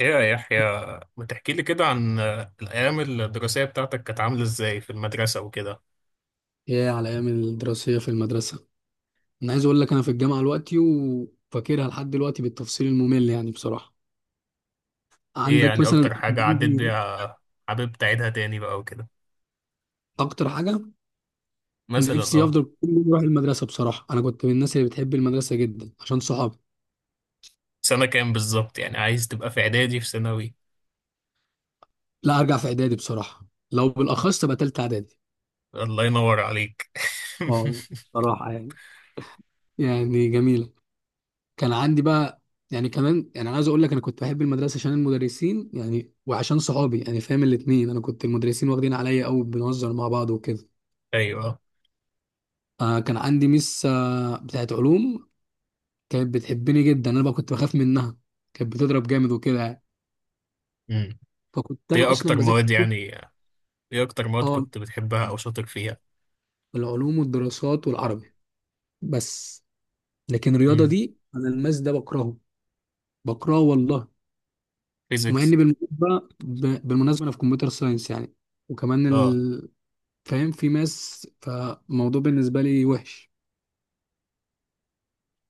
ايه يا يحيى، ما تحكي لي كده عن الايام الدراسيه بتاعتك كانت عامله ازاي في المدرسه وكده؟ يا على ايام الدراسيه في المدرسه. انا عايز اقول لك انا في الجامعه دلوقتي وفاكرها لحد دلوقتي بالتفصيل الممل، يعني بصراحه. ايه عندك يعني مثلا، اكتر حاجه عديت عندي بيها؟ حابب تعيدها تاني بقى وكده؟ اكتر حاجه مثلا نفسي افضل كل يوم اروح المدرسه، بصراحه انا كنت من الناس اللي بتحب المدرسه جدا عشان صحابي. سنه كام بالظبط؟ يعني عايز تبقى في اعدادي في ثانوي؟ لا، ارجع في اعدادي بصراحه، لو بالاخص تبقى تالته اعدادي. الله ينور عليك. اه، بصراحه يعني، يعني جميله. كان عندي بقى، يعني كمان، يعني انا عايز اقول لك انا كنت بحب المدرسه عشان المدرسين يعني وعشان صحابي يعني، فاهم الاتنين. انا كنت المدرسين واخدين عليا قوي، بنهزر مع بعض وكده. ايوه. آه، كان عندي ميس آه بتاعت علوم، كانت بتحبني جدا. انا بقى كنت بخاف منها، كانت بتضرب جامد وكده يعني. امم فكنت انا ايه اصلا اكتر بذاكر. مواد يعني؟ ايه اكتر مواد اه، كنت بتحبها او شاطر فيها؟ العلوم والدراسات والعربي بس. لكن الرياضه امم دي، انا الماس ده بكرهه، بكرهه والله. ومع فيزيكس؟ اني بالمناسبه بالمناسبه انا في كمبيوتر ساينس يعني، وكمان اه فاهم في ماس، فالموضوع بالنسبه لي وحش.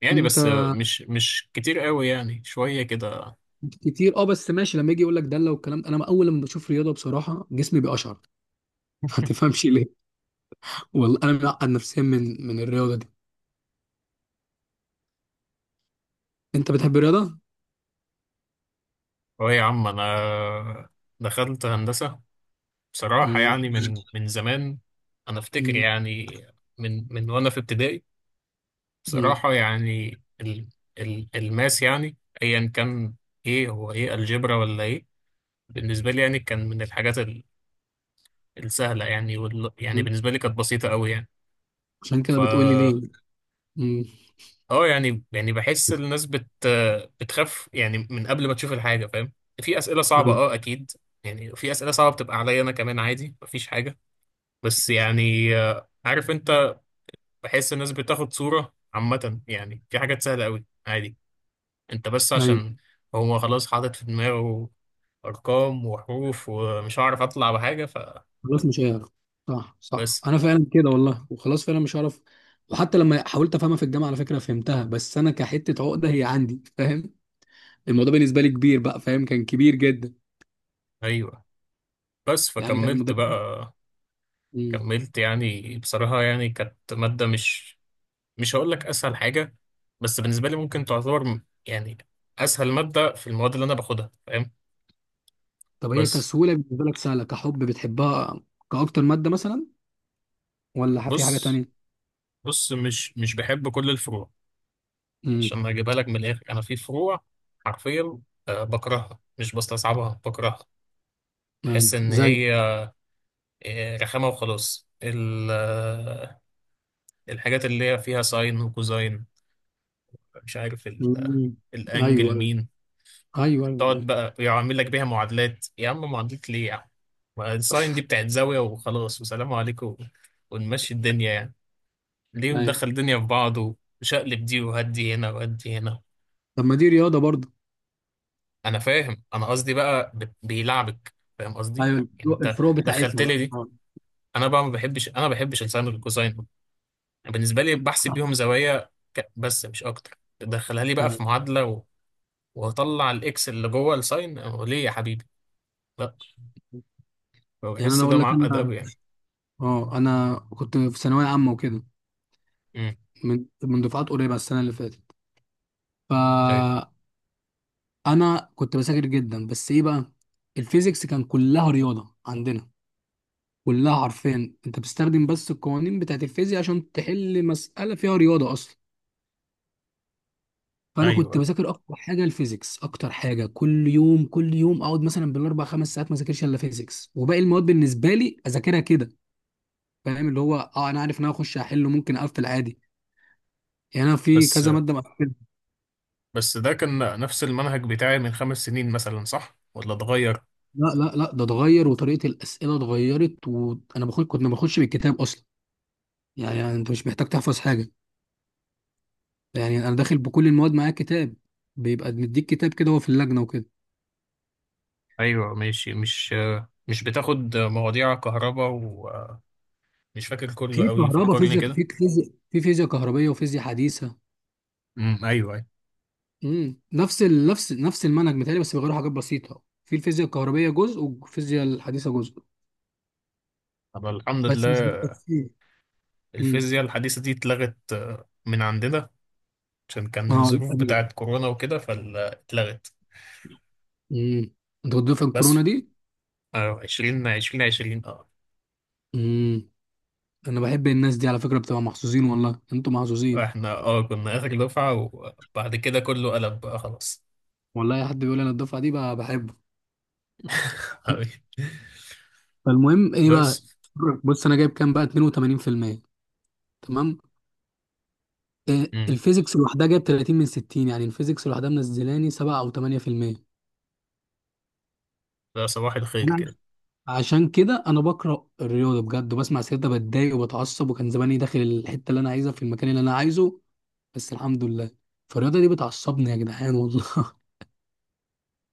يعني انت. بس، مش كتير قوي، يعني شويه كده. كتير اه، بس ماشي لما يجي يقول لك دله والكلام ده، انا اول لما بشوف رياضه بصراحه جسمي بيقشعر. ما تفهمش ليه. والله انا معقد نفسيا من الرياضه دي. انت بتحب الرياضه؟ اه يا عم، انا دخلت هندسة بصراحة، مم. يعني من زمان. انا افتكر يعني، من وانا في ابتدائي. مم. بصراحة يعني، ال الماس يعني ايا كان، ايه هو، ايه الجبرا ولا ايه؟ بالنسبة لي يعني كان من الحاجات السهلة، يعني وال، يعني مم. بالنسبة لي كانت بسيطة قوي يعني. عشان كده فا بتقولي ليه. مم. اه يعني، بحس الناس بتخاف يعني من قبل ما تشوف الحاجة، فاهم؟ في أسئلة صعبة ايوه. اكيد. يعني في أسئلة صعبة بتبقى عليا انا كمان، عادي مفيش حاجة. بس يعني عارف انت، بحس الناس بتاخد صورة عامة، يعني في حاجات سهلة قوي عادي. انت بس ايوه. عشان هو خلاص حاطط في دماغه ارقام وحروف، ومش هعرف اطلع بحاجة، خلاص مش هيعرف. صح صح، فبس. انا فعلا كده والله، وخلاص فعلا مش هعرف. وحتى لما حاولت افهمها في الجامعه على فكره فهمتها، بس انا كحته عقده هي عندي فاهم. الموضوع بالنسبه لي كبير بقى فاهم، كان كبير جدا. ايوه. بس يعني كان فكملت المدرس. بقى. مم. كملت يعني بصراحة، يعني كانت مادة مش، هقول لك اسهل حاجة. بس بالنسبة لي ممكن تعتبر يعني اسهل مادة في المواد اللي انا باخدها، فاهم؟ طب هي بس. كسهوله بالنسبه لك سهله، كحب بتحبها كاكتر ماده مثلا؟ ولا في حاجه بص تانية؟ بص مش بحب كل الفروع. امم. عشان ما اجيبها لك من الاخر، انا في فروع حرفيا بكرهها، مش بستصعبها، بكرهها. ايوه بحس ان زي. هي رخامه وخلاص. الحاجات اللي هي فيها ساين وكوزاين. مش عارف مم. ايوه الانجل مين. ايوه ايوه ايوه. وتقعد ايوه. بقى يعمل لك بيها معادلات. يا عم، معادلات ليه يا عم؟ ما الساين دي بتاعت زاويه وخلاص وسلام عليكم، ونمشي الدنيا يعني. ليه أيوة. مدخل الدنيا في بعض؟ وشقلب دي، وهدي هنا وهدي هنا. طب ما دي رياضه برضه. انا فاهم، انا قصدي بقى بيلعبك، فاهم قصدي؟ ايوه يعني الفروق، انت الفروق دخلت بتاعتنا لي بقى دي. آه. انا بقى ما بحبش، ما بحبش الساين والكوساين. بالنسبه لي بحسب بيهم زوايا بس مش اكتر. تدخلها لي بقى آه. في معادله و... وهطلع الاكس اللي جوه الساين، أو ليه يا حبيبي؟ لا، يعني انا بحس ده اقول لك معقد انا، قوي يعني. اه انا كنت في ثانويه عامه وكده، امم، من دفعات قريبه السنه اللي فاتت. ايوه فانا كنت بذاكر جدا، بس ايه بقى؟ الفيزيكس كان كلها رياضه عندنا، كلها. عارفين انت بتستخدم بس القوانين بتاعت الفيزياء عشان تحل مساله فيها رياضه اصلا. فانا كنت ايوه. بذاكر اكتر حاجه الفيزيكس، اكتر حاجه كل يوم، كل يوم اقعد مثلا بالاربع خمس ساعات ما اذاكرش الا فيزيكس، وباقي المواد بالنسبه لي اذاكرها كده. فاهم اللي هو اه، انا عارف ان انا اخش احله ممكن اقفل عادي. يعني انا في بس كذا ماده مقفلها. بس ده كان نفس المنهج بتاعي من 5 سنين مثلا، صح ولا اتغير؟ لا لا لا، ده اتغير وطريقه الاسئله اتغيرت، وانا بخش كنت ما باخدش بالكتاب اصلا. يعني انت مش محتاج تحفظ حاجه. يعني انا داخل بكل المواد معايا كتاب، بيبقى مديك كتاب كده هو في اللجنه وكده. ايوه ماشي. مش بتاخد مواضيع كهرباء، ومش فاكر كله في قوي، كهرباء فكرني فيزياء، كده. في فيزياء، في فيزياء كهربيه وفيزياء حديثه. امم، ايوه ايوه. امم، نفس ال... نفس نفس المنهج متهيألي، بس بيغيروا حاجات بسيطة في الفيزياء الكهربية جزء والفيزياء الحديثة جزء. طب الحمد بس مش لله. بالتفصيل. امم. الفيزياء الحديثة دي اتلغت من عندنا. عشان كان اه لأ الظروف دي جامدة. بتاعت كورونا وكده، فاتلغت امم. انت كنت في بس. الكورونا دي؟ عشرين عشرين عشرين امم. انا بحب الناس دي على فكرة، بتبقى محظوظين، والله انتوا محظوظين. احنا كنا آخر دفعة، وبعد كده كله قلب بقى خلاص. والله اي حد بيقول انا الدفعة دي بقى بحبه. حبيبي فالمهم ايه بقى؟ بس. بص انا جايب كام بقى؟ 82%. تمام. آه، امم الفيزيكس لوحدها جايب 30 من 60، يعني الفيزيكس لوحدها منزلاني 7 او 8%. ده صباح الخير كده. عشان كده انا بكره الرياضه بجد، وبسمع سيرتها بتضايق وبتعصب، وكان زماني داخل الحته اللي انا عايزها في المكان اللي انا عايزه. بس الحمد لله. فالرياضه دي بتعصبني يا جدعان والله.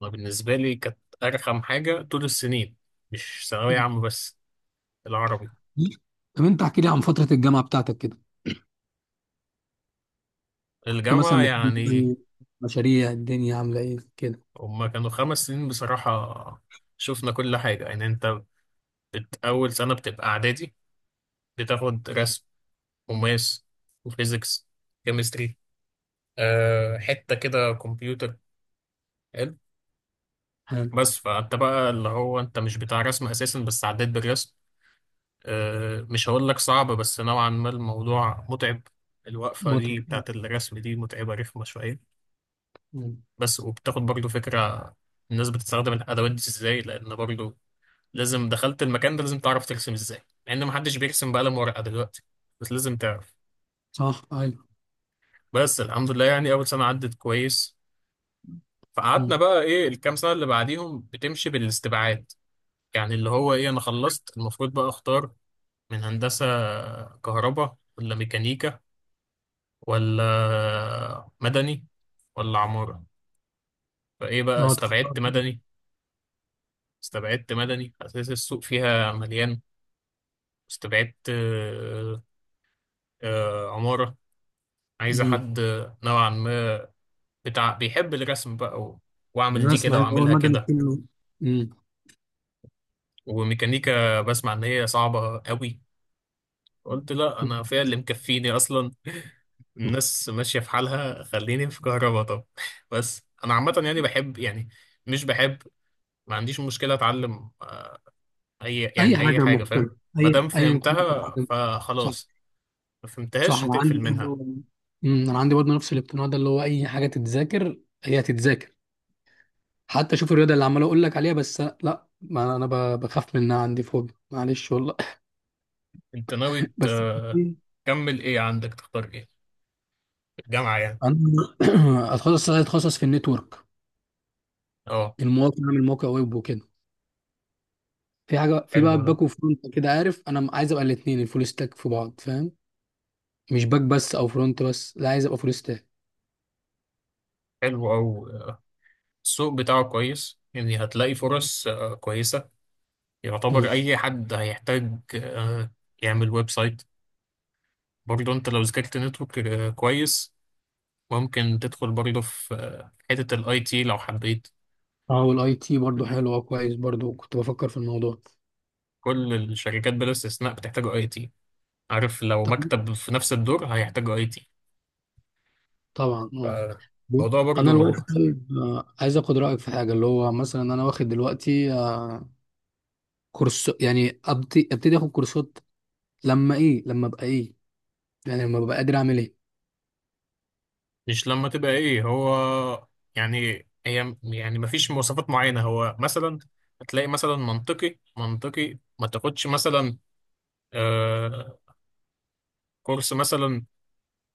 أنا بالنسبة لي كانت أرخم حاجة طول السنين، مش ثانوية عامة بس، العربي. طب انت احكي لي عن فتره الجامعه بتاعتك كده، كنت الجامعة مثلا بتعمل يعني، إيه؟ مشاريع الدنيا عامله ايه كده؟ هما كانوا 5 سنين بصراحة، شفنا كل حاجة يعني. انت أول سنة بتبقى إعدادي، بتاخد رسم وماس وفيزيكس كيمستري، حتة كده كمبيوتر، حلو. حلو. بس فأنت بقى اللي هو، أنت مش بتاع رسم أساسا، بس عديت بالرسم. مش هقول لك صعب، بس نوعا ما الموضوع متعب. الوقفة دي متعب. بتاعت الرسم دي متعبة، رخمة شوية. مم. بس وبتاخد برضو فكرة الناس بتستخدم الأدوات دي ازاي، لأن برضو لازم، دخلت المكان ده لازم تعرف ترسم ازاي، مع ان محدش بيرسم بقلم ورقه دلوقتي، بس لازم تعرف. صح ايوه. بس الحمد لله يعني، اول سنه عدت كويس. مم. فقعدنا بقى، ايه؟ الكام سنه اللي بعديهم بتمشي بالاستبعاد. يعني اللي هو ايه، انا خلصت، المفروض بقى اختار من هندسه، كهرباء ولا ميكانيكا، ولا مدني، ولا عماره. فايه بقى، اه تختار. استبعدت مدني. استبعدت مدني، اساس السوق فيها مليان. استبعدت عماره. عايزه مم. حد نوعا ما، بتاع بيحب الرسم بقى و... واعمل دي الرسم كده عارف، هو واعملها المدني كده. كله. مم. وميكانيكا بسمع ان هي صعبة قوي، قلت لا، انا فيها اللي مكفيني اصلا. الناس ماشية في حالها، خليني في كهربا طب. بس انا عامة يعني بحب، يعني مش بحب. ما عنديش مشكلة اتعلم اي، اي اي حاجه حاجة، فاهم؟ مختلفه، ما اي دام ايا كانت فهمتها الحاجة. فخلاص. ما صح فهمتهاش انا هتقفل عندي منها. برضه. أمم، انا عندي برضه نفس الاقتناع ده، اللي هو اي حاجه تتذاكر هي هتتذاكر. حتى شوف الرياضه اللي عمال اقول لك عليها، بس لا، ما انا بخاف منها عندي فوبيا، معلش والله. انت ناوي بس كتير. تكمل ايه؟ عندك تختار ايه؟ الجامعة يعني. انا اتخصص في النتورك، اه. المواقع، اعمل موقع ويب وكده. في حاجه في بقى حلو ده، باك وفرونت كده عارف، انا عايز ابقى الاثنين، الفول ستاك في بعض فاهم. مش باك بس او فرونت بس، لا عايز ابقى فول ستاك. حلو أوي. السوق بتاعه كويس يعني، هتلاقي فرص كويسة. أمم. يعتبر أي حد هيحتاج يعمل ويب سايت. برضه أنت لو ذاكرت نتورك كويس، ممكن تدخل برضه في حتة الأي تي لو حبيت. اه والاي تي برضه حلو، اه كويس، برضه كنت بفكر في الموضوع. كل الشركات بلا استثناء بتحتاج أي تي. عارف؟ لو طب- مكتب في نفس الدور هيحتاج أي تي. طبعا آه. بص، فالموضوع انا الوقت برضه. طالب آه، عايز اخد رايك في حاجه، اللي هو مثلا انا واخد دلوقتي آه، كورس، يعني ابتدي اخد كورسات. لما ايه؟ لما ابقى ايه؟ يعني لما ببقى قادر اعمل ايه؟ مش لما تبقى إيه هو، يعني هي يعني، مفيش مواصفات معينة، هو مثلا هتلاقي مثلا منطقي، منطقي ما تاخدش مثلا آه، كورس مثلا،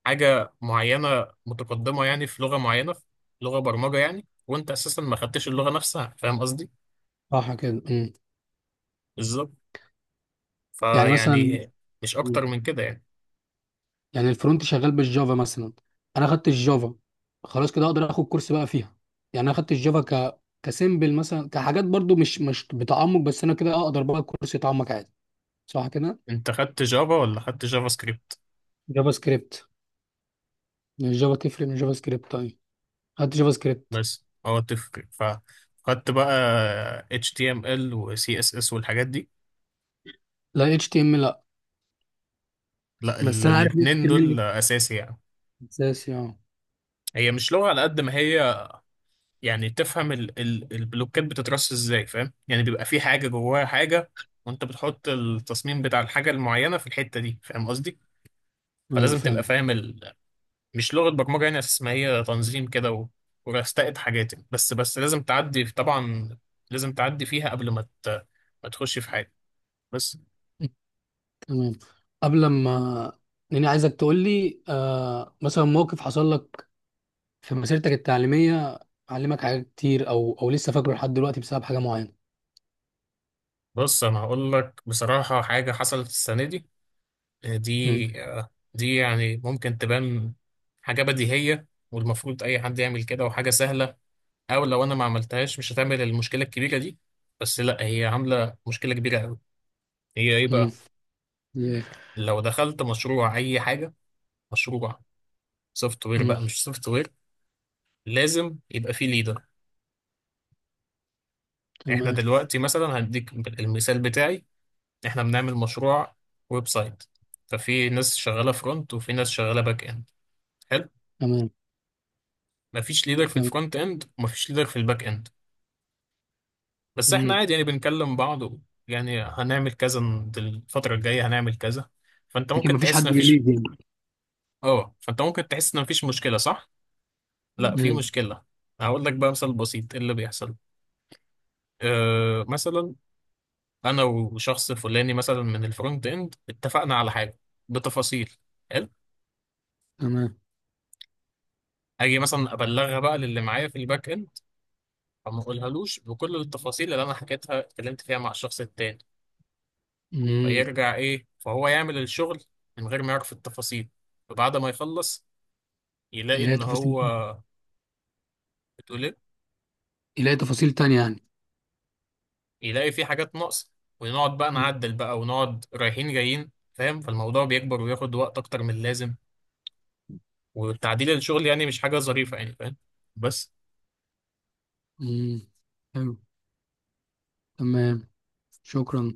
حاجة معينة متقدمة يعني في لغة معينة، في لغة برمجة يعني، وانت اساسا ما خدتش اللغة نفسها، فاهم قصدي؟ صح كده. أمم. بالظبط. يعني مثلا. فيعني مش أمم. اكتر من كده يعني. يعني الفرونت شغال بالجافا مثلا، انا خدت الجافا، خلاص كده اقدر اخد كورس بقى فيها. يعني انا خدت الجافا ك كسيمبل مثلا كحاجات برضو مش بتعمق، بس انا كده اقدر بقى كورس يتعمق عادي. صح كده. انت خدت جافا ولا خدت جافا سكريبت؟ جافا سكريبت. الجافا تفرق من جافا سكريبت؟ طيب، خدت جافا سكريبت. بس هو تفرق، فخدت بقى HTML و CSS والحاجات دي؟ لا HTML. لا، بس انا عارف اتش الاتنين تي ام ال دول اساسي يعني. اساسي اه. هي مش لغة على قد ما هي يعني تفهم ال البلوكات بتترص ازاي، فاهم؟ يعني بيبقى في حاجة جواها حاجة. وانت بتحط التصميم بتاع الحاجة المعينة في الحتة دي، فاهم قصدي؟ ايوه فلازم فاهم. تبقى فاهم مش لغة برمجة يعني، اساس ما هي تنظيم كده ورستقت حاجات يعني. بس لازم تعدي طبعا. لازم تعدي فيها قبل ما ما تخش في حاجة. بس. تمام. قبل ما. لاني عايزك تقول لي آه مثلا موقف حصل لك في مسيرتك التعليميه علمك حاجات كتير، او لسه فاكره لحد دلوقتي بسبب حاجه معينه. بص، انا هقول لك بصراحة حاجة حصلت السنة دي. امم. دي يعني ممكن تبان حاجة بديهية، والمفروض أي حد يعمل كده، وحاجة سهلة. او لو انا ما عملتهاش مش هتعمل المشكله الكبيره دي. بس لا، هي عامله مشكله كبيره قوي. هي ايه امم. بقى؟ ياه. لو دخلت مشروع اي حاجه، مشروع سوفت وير امم. بقى، مش سوفت وير، لازم يبقى فيه ليدر. احنا تمام. دلوقتي مثلا هديك المثال بتاعي، احنا بنعمل مشروع ويب سايت. ففي ناس شغاله فرونت وفي ناس شغاله باك اند، حلو. تمام. مفيش ليدر في تمام. الفرونت اند ومفيش ليدر في الباك اند. بس احنا امم. عادي يعني بنكلم بعض، يعني هنعمل كذا الفتره الجايه، هنعمل كذا. فانت لكن ممكن مفيش تحس حد ان مفيش... بيليد يعني. اه فانت ممكن تحس ان مفيش مشكله، صح؟ لا، في امم. مشكله. هقول لك بقى مثال بسيط ايه اللي بيحصل. مثلا انا وشخص فلاني مثلا من الفرونت اند، اتفقنا على حاجه بتفاصيل. حلو. تمام. اجي مثلا ابلغها بقى للي معايا في الباك اند، فما اقولهالوش بكل التفاصيل اللي انا حكيتها اتكلمت فيها مع الشخص التاني. امم. فيرجع ايه، فهو يعمل الشغل من غير ما يعرف التفاصيل. فبعد ما يخلص، يلاقي يلاقي ان تفاصيل. هو بتقول ايه؟ يلاقي تفاصيل تانية يعني. يلاقي في حاجات ناقصة. ونقعد بقى امم. نعدل بقى، ونقعد رايحين جايين، فاهم؟ فالموضوع بيكبر وياخد وقت أكتر من اللازم. والتعديل الشغل يعني مش حاجة ظريفة يعني، فاهم؟ بس. امم. حلو. تمام. شكرا.